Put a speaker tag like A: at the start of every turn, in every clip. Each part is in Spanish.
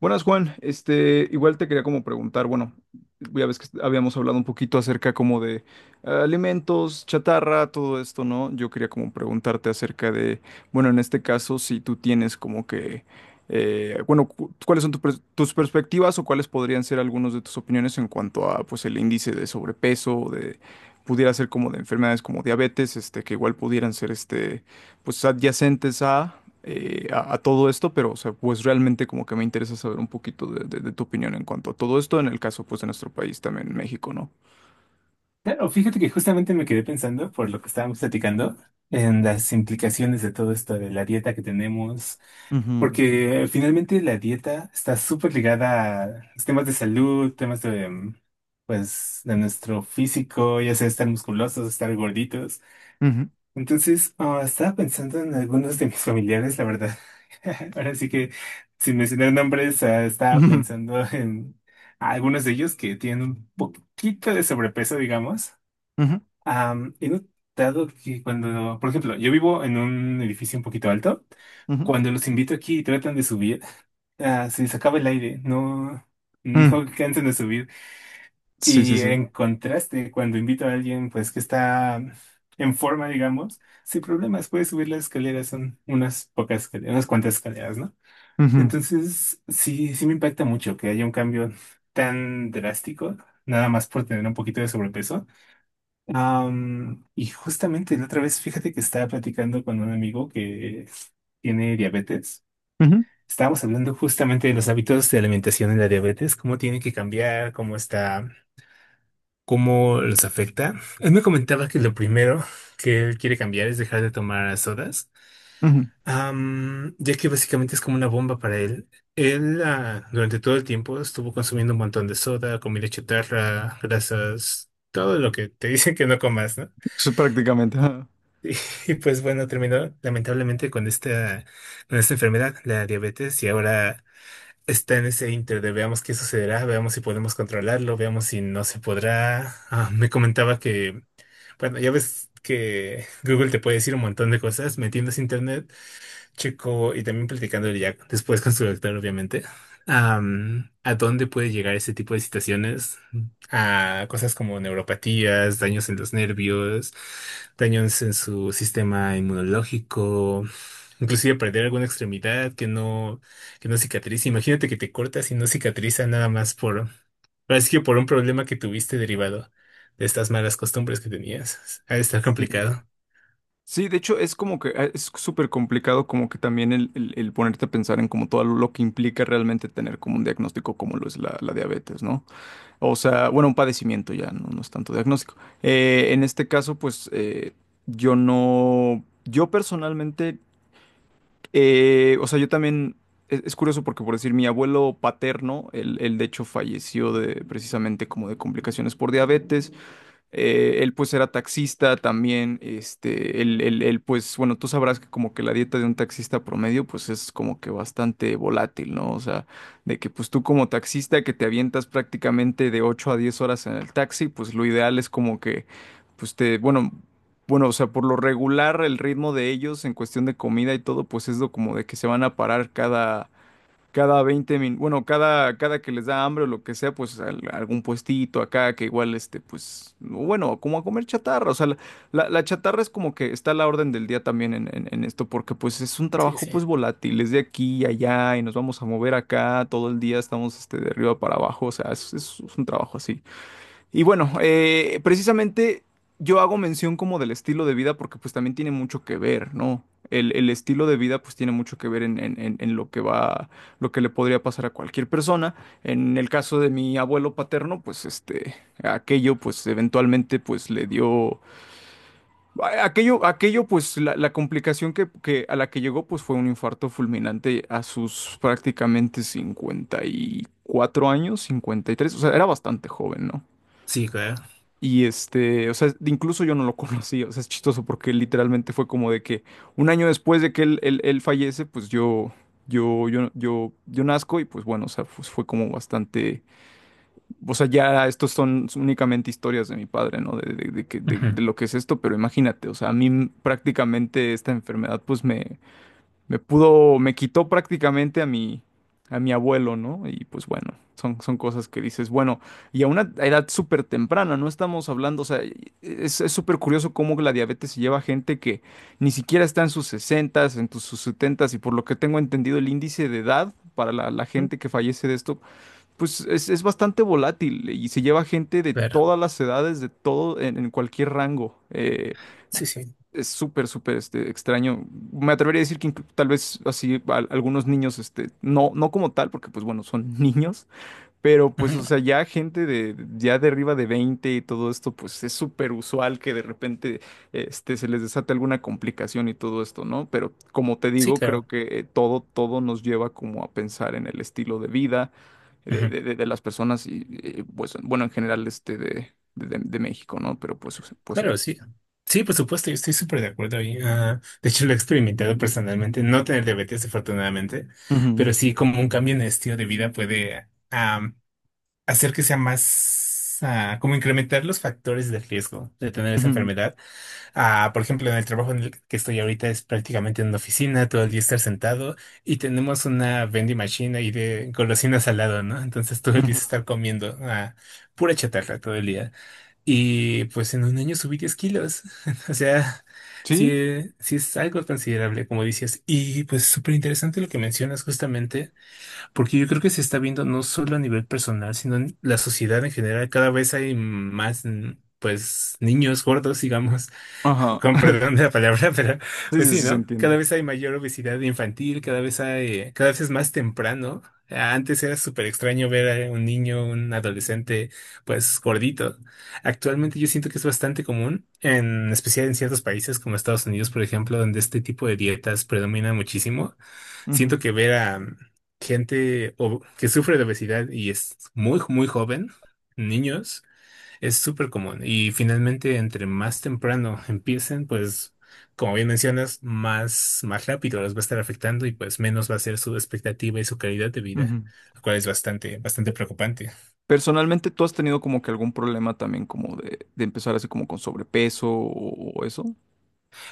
A: Buenas, Juan. Igual te quería como preguntar, bueno, ya ves que habíamos hablado un poquito acerca como de alimentos, chatarra, todo esto, ¿no? Yo quería como preguntarte acerca de, bueno, en este caso, si tú tienes como que, bueno, ¿cuáles son tus perspectivas o cuáles podrían ser algunos de tus opiniones en cuanto a, pues, el índice de sobrepeso, de, pudiera ser como de enfermedades como diabetes, que igual pudieran ser, pues adyacentes a, a todo esto, pero o sea, pues realmente como que me interesa saber un poquito de tu opinión en cuanto a todo esto, en el caso pues de nuestro país también, México, ¿no?
B: Claro, fíjate que justamente me quedé pensando por lo que estábamos platicando en las implicaciones de todo esto de la dieta que tenemos,
A: Ujú,
B: porque finalmente la dieta está súper ligada a los temas de salud, temas de, pues, de nuestro físico, ya sea estar musculosos, estar gorditos.
A: ujú,
B: Entonces, estaba pensando en algunos de mis familiares, la verdad. Ahora sí que, sin mencionar nombres, estaba
A: ujú,
B: pensando en algunos de ellos que tienen un poquito de sobrepeso, digamos.
A: ujú,
B: He notado que cuando, por ejemplo, yo vivo en un edificio un poquito alto,
A: ujú,
B: cuando los invito aquí y tratan de subir, se les acaba el aire, no,
A: mm.
B: no cansan de subir.
A: Sí, sí,
B: Y
A: sí.
B: en contraste, cuando invito a alguien pues que está en forma, digamos, sin problemas, puede subir las escaleras, son unas pocas escaleras, unas cuantas escaleras, ¿no?
A: Ujú,
B: Entonces, sí, sí me impacta mucho que haya un cambio tan drástico, nada más por tener un poquito de sobrepeso. Y justamente la otra vez, fíjate que estaba platicando con un amigo que tiene diabetes.
A: ujú,
B: Estábamos hablando justamente de los hábitos de alimentación en la diabetes, cómo tiene que cambiar, cómo está, cómo los afecta. Él me comentaba que lo primero que él quiere cambiar es dejar de tomar sodas,
A: ujú.
B: ya que básicamente es como una bomba para él. Él, durante todo el tiempo estuvo consumiendo un montón de soda, comida chatarra, grasas, todo lo que te dicen que no comas, ¿no?
A: Eso prácticamente. Ajá.
B: Y pues bueno, terminó lamentablemente con esta enfermedad, la diabetes, y ahora está en ese inter de veamos qué sucederá, veamos si podemos controlarlo, veamos si no se podrá. Me comentaba que, bueno, ya ves que Google te puede decir un montón de cosas metiendo ese internet. Chico, y también platicándole ya después con su doctor, obviamente, a dónde puede llegar ese tipo de situaciones, a cosas como neuropatías, daños en los nervios, daños en su sistema inmunológico, inclusive perder alguna extremidad que no cicatriza. Imagínate que te cortas y no cicatriza nada más por, parece que por un problema que tuviste derivado de estas malas costumbres que tenías. Ha de estar
A: Sí.
B: complicado.
A: Sí, de hecho es como que es súper complicado como que también el ponerte a pensar en como todo lo que implica realmente tener como un diagnóstico como lo es la diabetes, ¿no? O sea, bueno, un padecimiento ya, no, no es tanto diagnóstico. En este caso, pues yo no, yo personalmente, o sea, yo también, es curioso porque por decir, mi abuelo paterno, él de hecho falleció de precisamente como de complicaciones por diabetes. Él pues era taxista también, pues, bueno, tú sabrás que como que la dieta de un taxista promedio pues es como que bastante volátil, ¿no? O sea, de que pues tú como taxista que te avientas prácticamente de 8 a 10 horas en el taxi, pues lo ideal es como que, pues te, bueno, o sea, por lo regular el ritmo de ellos en cuestión de comida y todo, pues es lo como de que se van a parar cada 20 minutos, bueno, cada que les da hambre o lo que sea, pues algún puestito acá que igual, pues, bueno, como a comer chatarra, o sea, la chatarra es como que está a la orden del día también en esto, porque pues es un
B: Sí,
A: trabajo
B: sí.
A: pues volátil, es de aquí y allá y nos vamos a mover acá, todo el día estamos, de arriba para abajo, o sea, es un trabajo así. Y bueno, precisamente yo hago mención como del estilo de vida porque pues también tiene mucho que ver, ¿no? El estilo de vida pues tiene mucho que ver en lo que va, lo que le podría pasar a cualquier persona. En el caso de mi abuelo paterno, pues aquello pues eventualmente pues le dio, aquello pues la complicación que a la que llegó pues fue un infarto fulminante a sus prácticamente 54 años, 53, o sea, era bastante joven, ¿no?
B: Sí, claro.
A: Y o sea, incluso yo no lo conocí, o sea, es chistoso porque literalmente fue como de que un año después de que él fallece, pues yo nazco y pues bueno, o sea, pues fue como bastante, o sea, ya estos son únicamente historias de mi padre, ¿no?
B: Ujú.
A: De lo que es esto, pero imagínate, o sea, a mí prácticamente esta enfermedad pues me pudo, me quitó prácticamente a mi abuelo, ¿no? Y pues bueno, son cosas que dices, bueno, y a una edad súper temprana, no estamos hablando, o sea, es súper curioso cómo la diabetes se lleva a gente que ni siquiera está en sus sesentas en sus 70, y por lo que tengo entendido, el índice de edad para la gente que fallece de esto, pues es bastante volátil y se lleva gente de
B: Claro.
A: todas las edades, de todo, en cualquier rango. eh,
B: Sí, sí.
A: es súper, súper extraño. Me atrevería a decir que tal vez así algunos niños, no, no como tal, porque pues bueno, son niños, pero pues o
B: Ujú.
A: sea, ya gente de ya de arriba de 20 y todo esto, pues es súper usual que de repente se les desate alguna complicación y todo esto, ¿no? Pero como te
B: Sí,
A: digo, creo
B: claro.
A: que todo, todo nos lleva como a pensar en el estilo de vida
B: Ujú.
A: de las personas y pues bueno, en general de México, ¿no? Pero pues, o sea, pues sí.
B: Claro, sí. Sí, por supuesto, yo estoy súper de acuerdo ahí. De hecho, lo he experimentado personalmente, no tener diabetes, afortunadamente,
A: Ujú,
B: pero sí como un cambio en el estilo de vida puede hacer que sea más, como incrementar los factores de riesgo de tener esa
A: ujú,
B: enfermedad. Ah, por ejemplo, en el trabajo en el que estoy ahorita es prácticamente en una oficina, todo el día estar sentado y tenemos una vending machine ahí de golosinas al lado, ¿no? Entonces todo el día
A: ujú.
B: es estar comiendo pura chatarra todo el día. Y pues en un año subí 10 kilos. O sea, sí,
A: Sí,
B: sí es algo considerable, como dices. Y pues súper interesante lo que mencionas justamente, porque yo creo que se está viendo no solo a nivel personal, sino en la sociedad en general. Cada vez hay más, pues, niños gordos, digamos.
A: ajá.
B: Con perdón de la palabra, pero
A: Sí,
B: pues
A: sí,
B: sí,
A: sí, se
B: ¿no? Cada
A: entiende.
B: vez hay mayor obesidad infantil, cada vez hay, cada vez es más temprano. Antes era súper extraño ver a un niño, un adolescente, pues gordito. Actualmente yo siento que es bastante común, en especial en ciertos países como Estados Unidos, por ejemplo, donde este tipo de dietas predomina muchísimo.
A: Ujú,
B: Siento que ver a gente que sufre de obesidad y es muy, muy joven, niños. Es súper común y finalmente entre más temprano empiecen, pues como bien mencionas, más, más rápido los va a estar afectando y pues menos va a ser su expectativa y su calidad de vida,
A: ujú.
B: lo cual es bastante, bastante preocupante.
A: Personalmente, ¿tú has tenido como que algún problema también como de empezar así como con sobrepeso o eso?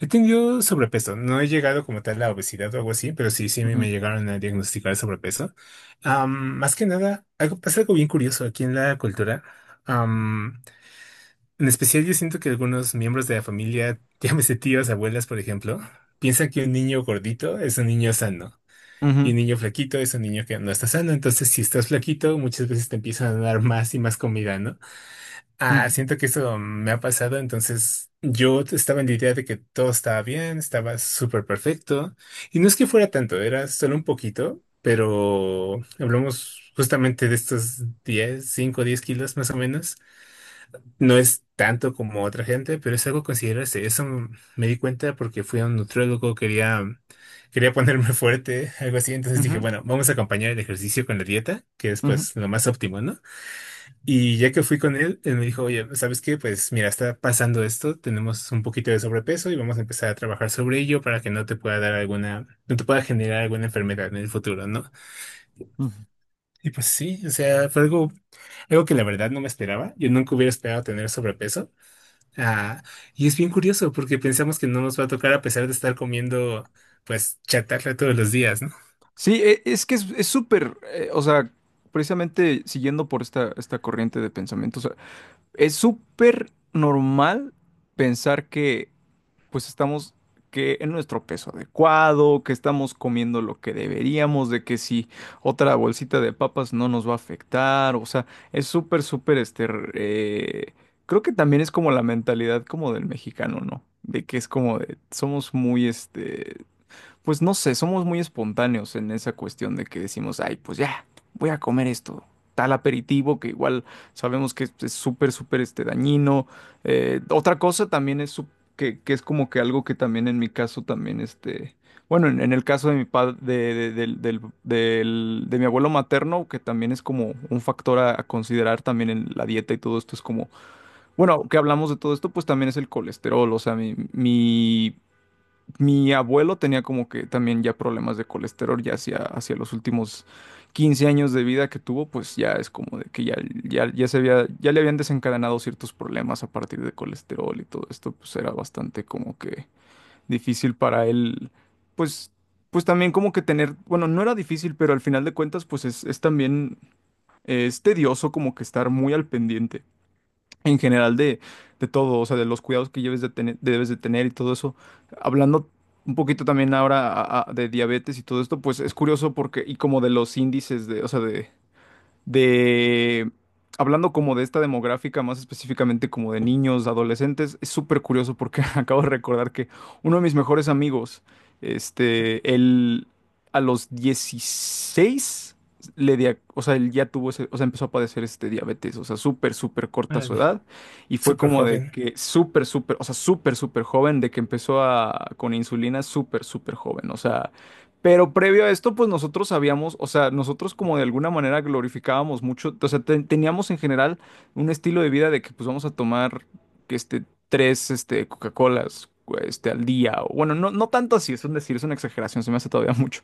B: He tenido sobrepeso, no he llegado como tal a obesidad o algo así, pero sí, sí me
A: Ujú,
B: me llegaron a diagnosticar sobrepeso. Más que nada, algo, pasa algo bien curioso aquí en la cultura. En especial yo siento que algunos miembros de la familia, llámese tíos, abuelas, por ejemplo, piensan que un niño gordito es un niño sano y
A: ujú,
B: un niño flaquito es un niño que no está sano. Entonces, si estás flaquito, muchas veces te empiezan a dar más y más comida, ¿no? Ah,
A: ujú,
B: siento que eso me ha pasado. Entonces, yo estaba en la idea de que todo estaba bien, estaba súper perfecto. Y no es que fuera tanto, era solo un poquito, pero hablamos justamente de estos 10, 5, 10 kilos más o menos. No es tanto como otra gente, pero es algo a considerarse. Eso me di cuenta porque fui a un nutriólogo, quería ponerme fuerte, algo así. Entonces dije,
A: ujú,
B: bueno, vamos a acompañar el ejercicio con la dieta, que es
A: ujú.
B: pues lo más óptimo, ¿no? Y ya que fui con él, él me dijo, oye, ¿sabes qué? Pues mira, está pasando esto, tenemos un poquito de sobrepeso y vamos a empezar a trabajar sobre ello para que no te pueda dar alguna, no te pueda generar alguna enfermedad en el futuro, ¿no?
A: Ujú.
B: Y pues sí, o sea, fue algo, algo que la verdad no me esperaba. Yo nunca hubiera esperado tener sobrepeso. Ah, y es bien curioso porque pensamos que no nos va a tocar a pesar de estar comiendo, pues, chatarra todos los días, ¿no?
A: Sí, es que es súper, o sea, precisamente siguiendo por esta corriente de pensamiento, o sea, es súper normal pensar que pues estamos que en nuestro peso adecuado, que estamos comiendo lo que deberíamos, de que si otra bolsita de papas no nos va a afectar, o sea, es súper, súper, eh, creo que también es como la mentalidad como del mexicano, ¿no? De que es como de, somos muy, pues no sé, somos muy espontáneos en esa cuestión de que decimos, ay, pues ya, voy a comer esto, tal aperitivo que igual sabemos que es súper, súper dañino. Otra cosa también es que es como que algo que también en mi caso también, bueno, en el caso de mi padre, de mi abuelo materno, que también es como un factor a considerar también en la dieta y todo esto, es como, bueno, que hablamos de todo esto, pues también es el colesterol, o sea, mi abuelo tenía como que también ya problemas de colesterol, ya hacia los últimos 15 años de vida que tuvo, pues ya es como de que ya se había, ya le habían desencadenado ciertos problemas a partir de colesterol y todo esto, pues era bastante como que difícil para él, pues, pues también como que tener, bueno, no era difícil, pero al final de cuentas, pues es también, es tedioso como que estar muy al pendiente en general de todo, o sea, de los cuidados que lleves de tener, debes de tener y todo eso. Hablando un poquito también ahora de diabetes y todo esto, pues es curioso porque, y como de los índices de, o sea, de, hablando como de esta demográfica, más específicamente como de niños, adolescentes, es súper curioso porque acabo de recordar que uno de mis mejores amigos, él a los 16 o sea, él ya tuvo o sea, empezó a padecer diabetes, o sea, súper, súper corta su
B: Órale.
A: edad, y fue
B: Súper
A: como de
B: joven.
A: que súper, súper, o sea, súper, súper joven, de que empezó a, con insulina súper, súper joven, o sea, pero previo a esto, pues nosotros sabíamos, o sea, nosotros como de alguna manera glorificábamos mucho, o sea, teníamos en general un estilo de vida de que pues vamos a tomar que este tres Coca-Colas al día o bueno, no no tanto así, es un decir, es una exageración, se me hace todavía mucho.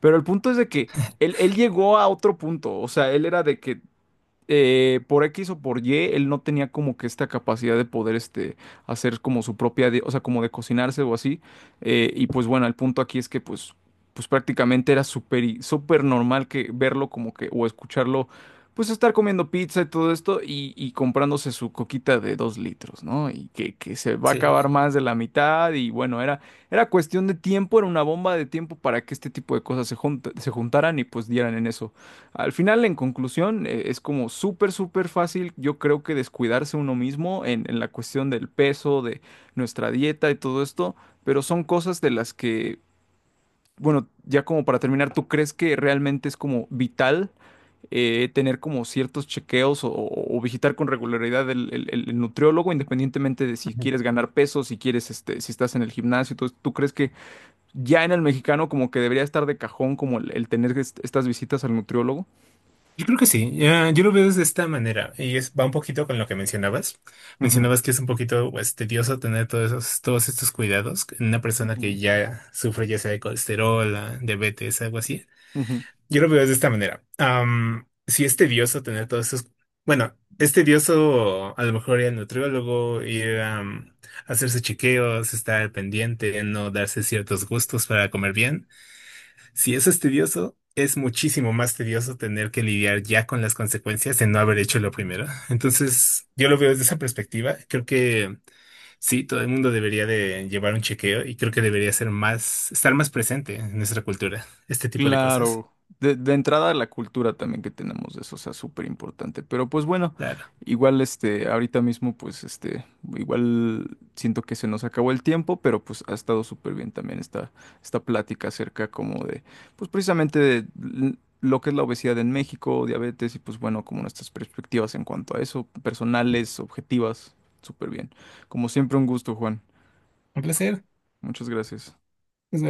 A: Pero el punto es de que él llegó a otro punto, o sea, él era de que por X o por Y, él no tenía como que esta capacidad de poder hacer como su propia, o sea, como de cocinarse o así. Y pues bueno, el punto aquí es que pues prácticamente era súper súper normal que verlo como que, o escucharlo, pues estar comiendo pizza y todo esto y comprándose su coquita de 2 litros, ¿no? Y que se va a
B: Sí.
A: acabar más de la mitad y bueno, era cuestión de tiempo, era una bomba de tiempo para que este tipo de cosas se juntaran y pues dieran en eso. Al final, en conclusión, es como súper, súper fácil, yo creo que descuidarse uno mismo en la cuestión del peso, de nuestra dieta y todo esto, pero son cosas de las que, bueno, ya como para terminar, ¿tú crees que realmente es como vital tener como ciertos chequeos o visitar con regularidad el nutriólogo, independientemente de si
B: Ujú.
A: quieres ganar peso, si quieres, si estás en el gimnasio? ¿Tú tú crees que ya en el mexicano como que debería estar de cajón como el tener estas visitas al nutriólogo?
B: Yo creo que sí, ya, yo lo veo de esta manera y es, va un poquito con lo que mencionabas. Mencionabas que es un poquito pues, tedioso tener todos esos, todos estos cuidados en una persona que
A: Ujú.
B: ya sufre ya sea de colesterol, ah, diabetes, algo así.
A: Ujú.
B: Yo lo veo de esta manera. Si es tedioso tener todos esos. Bueno, es tedioso a lo mejor ir al nutriólogo, ir a hacerse chequeos, estar al pendiente, no darse ciertos gustos para comer bien. Si eso es tedioso, es muchísimo más tedioso tener que lidiar ya con las consecuencias de no haber hecho lo primero. Entonces, yo lo veo desde esa perspectiva. Creo que sí, todo el mundo debería de llevar un chequeo y creo que debería ser más, estar más presente en nuestra cultura, este tipo de cosas.
A: Claro, de entrada la cultura también que tenemos de eso, o sea, súper importante. Pero pues bueno,
B: Claro.
A: igual ahorita mismo, pues igual siento que se nos acabó el tiempo, pero pues ha estado súper bien también esta plática acerca como de, pues precisamente de lo que es la obesidad en México, diabetes y pues bueno, como nuestras perspectivas en cuanto a eso, personales, objetivas, súper bien. Como siempre, un gusto, Juan.
B: Un placer.
A: Muchas gracias.
B: Nos vemos.